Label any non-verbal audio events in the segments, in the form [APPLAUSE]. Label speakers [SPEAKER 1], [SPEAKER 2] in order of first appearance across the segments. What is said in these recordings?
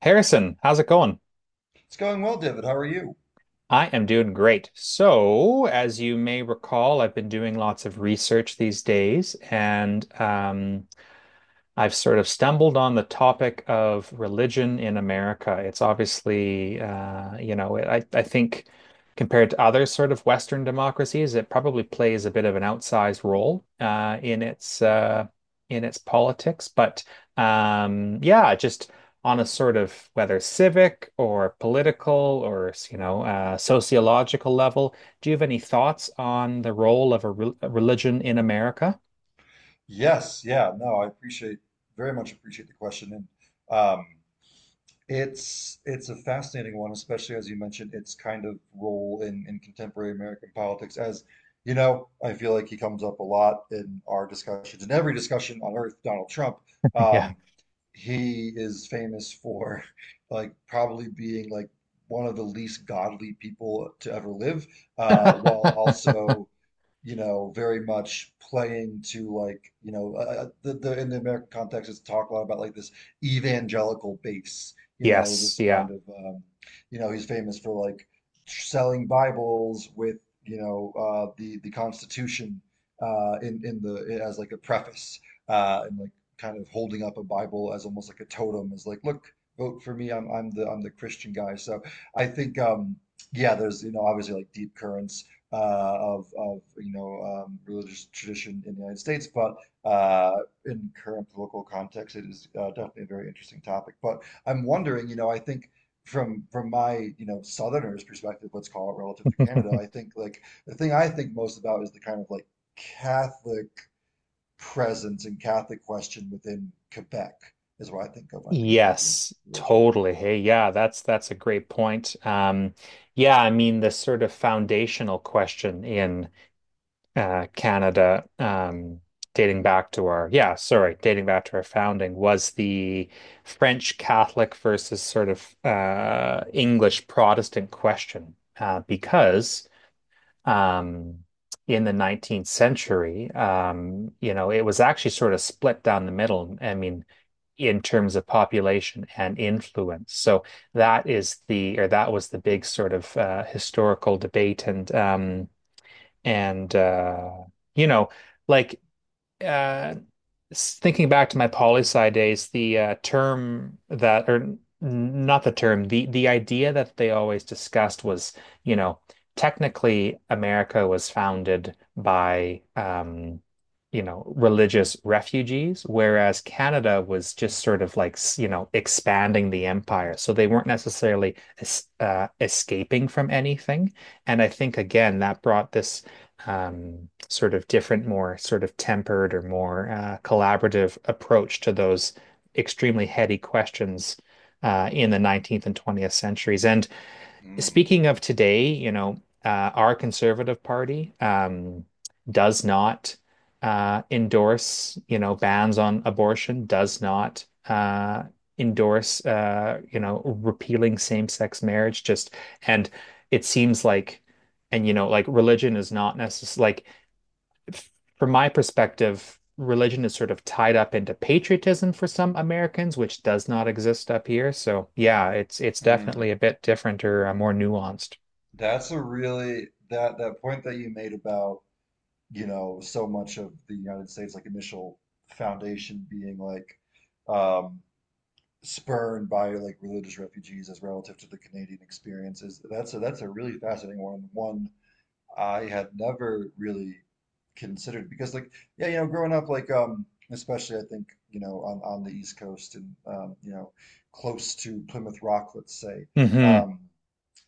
[SPEAKER 1] Harrison, how's it going?
[SPEAKER 2] It's going well, David. How are you?
[SPEAKER 1] I am doing great. So, as you may recall, I've been doing lots of research these days, and I've sort of stumbled on the topic of religion in America. It's obviously, I think compared to other sort of Western democracies, it probably plays a bit of an outsized role in its politics. Just on a sort of whether civic or political or sociological level, do you have any thoughts on the role of a religion in America?
[SPEAKER 2] Yes, yeah, no, I appreciate very much appreciate the question, and um, it's a fascinating one, especially as you mentioned its kind of role in contemporary American politics. As you know, I feel like he comes up a lot in our discussions, in every discussion on Earth, Donald Trump.
[SPEAKER 1] [LAUGHS] Yeah.
[SPEAKER 2] Um, he is famous for [LAUGHS] like probably being like one of the least godly people to ever live, while
[SPEAKER 1] [LAUGHS]
[SPEAKER 2] also you know, very much playing to like, the in the American context, it's talk a lot about like this evangelical base you know,
[SPEAKER 1] Yes,
[SPEAKER 2] this
[SPEAKER 1] yeah.
[SPEAKER 2] kind of, you know, he's famous for like selling Bibles with, you know, the Constitution in the as like a preface and like kind of holding up a Bible as almost like a totem, as like, look, vote for me, I'm the Christian guy. So I think, yeah, there's you know obviously like deep currents of you know religious tradition in the United States, but uh, in current political context, it is definitely a very interesting topic. But I'm wondering, you know, I think from my, you know, Southerner's perspective, let's call it relative to Canada, I think like the thing I think most about is the kind of like Catholic presence and Catholic question within Quebec is what I think of when I think of Canadian
[SPEAKER 1] Yes,
[SPEAKER 2] religion.
[SPEAKER 1] totally. Hey, yeah, that's a great point. Yeah, I mean the sort of foundational question in Canada, dating back to dating back to our founding was the French Catholic versus sort of English Protestant question, because um, in the 19th century, you know, it was actually sort of split down the middle. I mean, in terms of population and influence. So that is the, or that was the big sort of historical debate. And you know, like uh, s- Thinking back to my poli sci days, the term that, or n- not the term, the idea that they always discussed was, you know, technically America was founded by you know, religious refugees, whereas Canada was just sort of like, you know, expanding the empire. So they weren't necessarily es escaping from anything. And I think again that brought this sort of different, more sort of tempered or more collaborative approach to those extremely heady questions in the 19th and 20th centuries. And
[SPEAKER 2] Hmm.
[SPEAKER 1] speaking of today, you know, our Conservative Party does not endorse, you know, bans on abortion, does not endorse, you know, repealing same-sex marriage. Just and It seems like, and you know, like religion is not necessary. Like from my perspective, religion is sort of tied up into patriotism for some Americans, which does not exist up here. So yeah, it's
[SPEAKER 2] Hmm.
[SPEAKER 1] definitely a bit different or more nuanced.
[SPEAKER 2] That's a really that that point that you made about, you know, so much of the United States like initial foundation being like um spurred by like religious refugees as relative to the Canadian experiences. That's a really fascinating one. One I had never really considered because like yeah, you know, growing up like especially I think, you know, on the East Coast and you know, close to Plymouth Rock, let's say.
[SPEAKER 1] Hmm.
[SPEAKER 2] Um
[SPEAKER 1] [LAUGHS]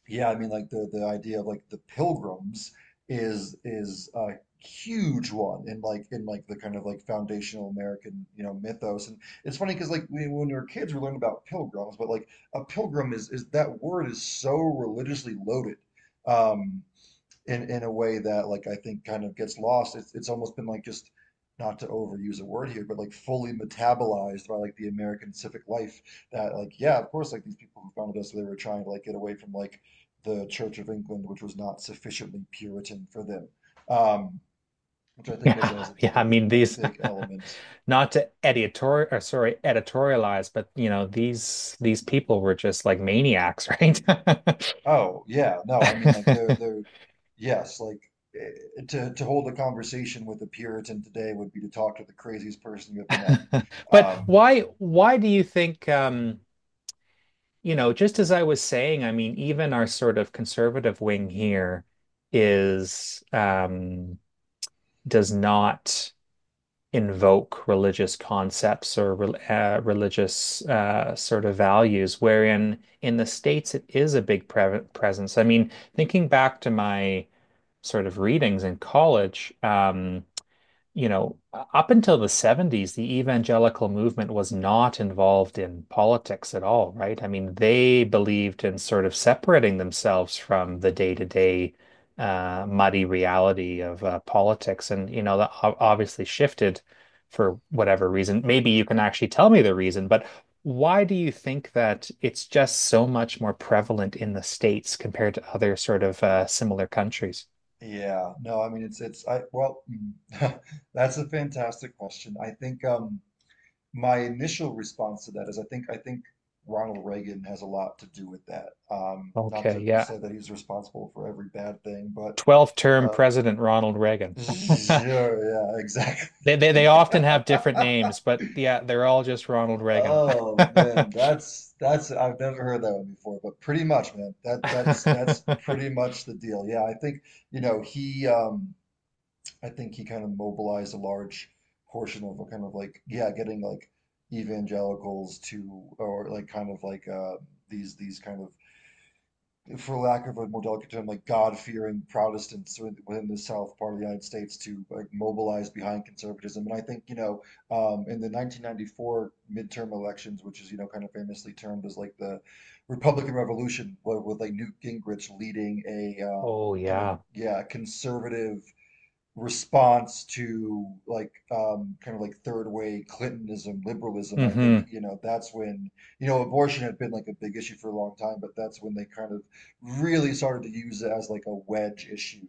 [SPEAKER 2] yeah, I mean, like the idea of like the pilgrims is a huge one in like the kind of like foundational American, you know, mythos. And it's funny because like we, when we were kids, we learned about pilgrims, but like a pilgrim is that word is so religiously loaded. Um, in a way that like I think kind of gets lost. It's almost been like just not to overuse a word here, but like fully metabolized by like the American civic life that like yeah, of course like these people who founded us they were trying to like get away from like the Church of England, which was not sufficiently Puritan for them. Um, which I think is
[SPEAKER 1] Yeah,
[SPEAKER 2] as
[SPEAKER 1] yeah. I mean
[SPEAKER 2] a
[SPEAKER 1] these,
[SPEAKER 2] big element.
[SPEAKER 1] [LAUGHS] not to editorialize, but you know these people were just like maniacs, right? [LAUGHS]
[SPEAKER 2] Oh yeah, no, I mean like they're
[SPEAKER 1] [LAUGHS]
[SPEAKER 2] they're yes, like to hold a conversation with a Puritan today would be to talk to the craziest person you ever met.
[SPEAKER 1] But
[SPEAKER 2] Um,
[SPEAKER 1] why do you think you know, just as I was saying, I mean, even our sort of conservative wing here is does not invoke religious concepts or religious sort of values, wherein in the States it is a big presence. I mean, thinking back to my sort of readings in college, you know, up until the 70s, the evangelical movement was not involved in politics at all, right? I mean, they believed in sort of separating themselves from the day-to-day muddy reality of politics. And, you know, that obviously shifted for whatever reason. Maybe you can actually tell me the reason, but why do you think that it's just so much more prevalent in the States compared to other sort of similar countries?
[SPEAKER 2] Yeah, no, I mean it's I well [LAUGHS] that's a fantastic question. I think my initial response to that is I think Ronald Reagan has a lot to do with that. Not
[SPEAKER 1] Okay,
[SPEAKER 2] to
[SPEAKER 1] yeah.
[SPEAKER 2] say that he's responsible for every bad thing, but
[SPEAKER 1] 12th term
[SPEAKER 2] uh
[SPEAKER 1] President Ronald
[SPEAKER 2] [LAUGHS]
[SPEAKER 1] Reagan. [LAUGHS] they,
[SPEAKER 2] sure, yeah, exactly. [LAUGHS]
[SPEAKER 1] they often
[SPEAKER 2] Yeah.
[SPEAKER 1] have different names, but yeah, they're all just Ronald Reagan.
[SPEAKER 2] Oh man,
[SPEAKER 1] [LAUGHS]
[SPEAKER 2] that's I've never heard that one before, but pretty much, man. That's pretty much the deal. Yeah, I think, you know, he I think he kind of mobilized a large portion of a kind of like yeah, getting like evangelicals to or like kind of like these kind of for lack of a more delicate term like God-fearing Protestants within the South part of the United States to like mobilize behind conservatism. And I think you know in the 1994 midterm elections, which is you know kind of famously termed as like the Republican Revolution, with like Newt Gingrich leading a
[SPEAKER 1] Oh
[SPEAKER 2] kind of
[SPEAKER 1] yeah.
[SPEAKER 2] yeah conservative response to like kind of like third way clintonism liberalism. I
[SPEAKER 1] Hmm.
[SPEAKER 2] think you know that's when you know abortion had been like a big issue for a long time, but that's when they kind of really started to use it as like a wedge issue.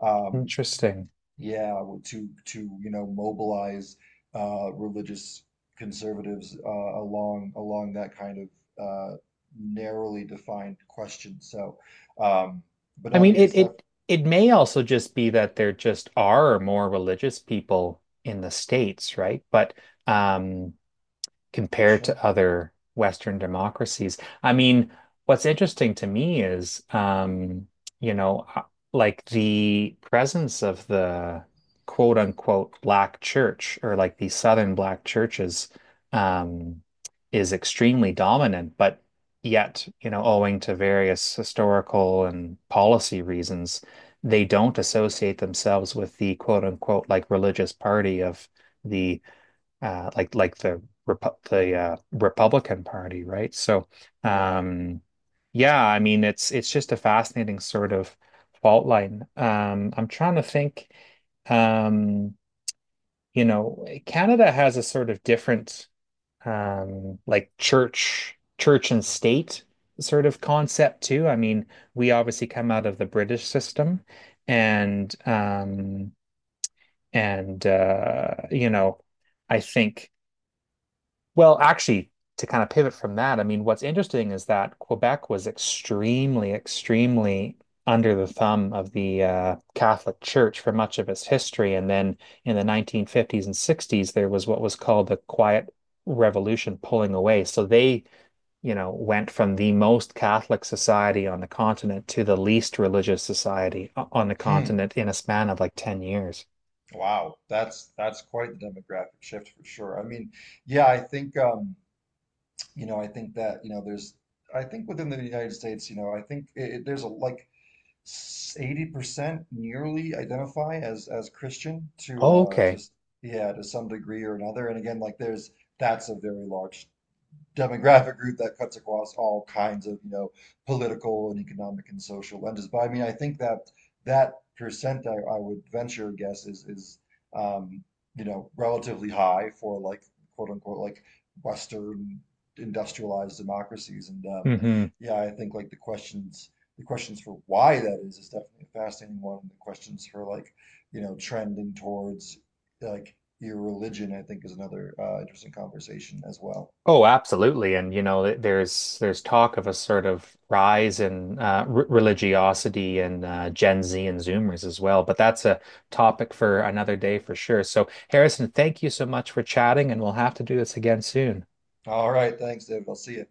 [SPEAKER 2] um
[SPEAKER 1] Interesting.
[SPEAKER 2] yeah, to you know mobilize religious conservatives along that kind of narrowly defined question. So um but
[SPEAKER 1] I
[SPEAKER 2] no, I
[SPEAKER 1] mean,
[SPEAKER 2] mean it's
[SPEAKER 1] it
[SPEAKER 2] def
[SPEAKER 1] it it may also just be that there just are more religious people in the States, right? But um compared
[SPEAKER 2] sure
[SPEAKER 1] to other Western democracies. I mean, what's interesting to me is, you know, uh, like the presence of the quote unquote black church or like the Southern black churches um, is extremely dominant, but yet, you know, owing to various historical and policy reasons, they don't associate themselves with the quote unquote like religious party of the Republican Party, right? So,
[SPEAKER 2] yeah
[SPEAKER 1] um, yeah, I mean, it's just a fascinating sort of fault line. I'm trying to think. Um, you know, Canada has a sort of different, like church and state sort of concept too. I mean, we obviously come out of the British system, and um, and you know, I think. Actually, to kind of pivot from that, I mean, what's interesting is that Quebec was extremely, extremely under the thumb of the Catholic Church for much of its history. And then in the 1950s and 60s, there was what was called the Quiet Revolution pulling away. So they, you know, went from the most Catholic society on the continent to the least religious society on the
[SPEAKER 2] hmm.
[SPEAKER 1] continent in a span of like 10 years.
[SPEAKER 2] Wow, that's quite the demographic shift for sure. I mean, yeah, I think you know, I think that, you know, there's I think within the United States, you know, I think there's a like 80% nearly identify as Christian
[SPEAKER 1] Oh,
[SPEAKER 2] to
[SPEAKER 1] okay.
[SPEAKER 2] yeah, to some degree or another. And again, like there's that's a very large demographic group that cuts across all kinds of, you know, political and economic and social lenses. But I mean, I think that that percent, I would venture a guess is um, you know, relatively high for like quote unquote like Western industrialized democracies. And
[SPEAKER 1] Hmm.
[SPEAKER 2] yeah, I think like the questions for why that is definitely a fascinating one. And the questions for like, you know, trending towards like irreligion, I think is another interesting conversation as well.
[SPEAKER 1] Oh, absolutely. And you know, there's talk of a sort of rise in r religiosity and Gen Z and Zoomers as well. But that's a topic for another day for sure. So, Harrison, thank you so much for chatting, and we'll have to do this again soon.
[SPEAKER 2] All right, thanks, David. I'll see you.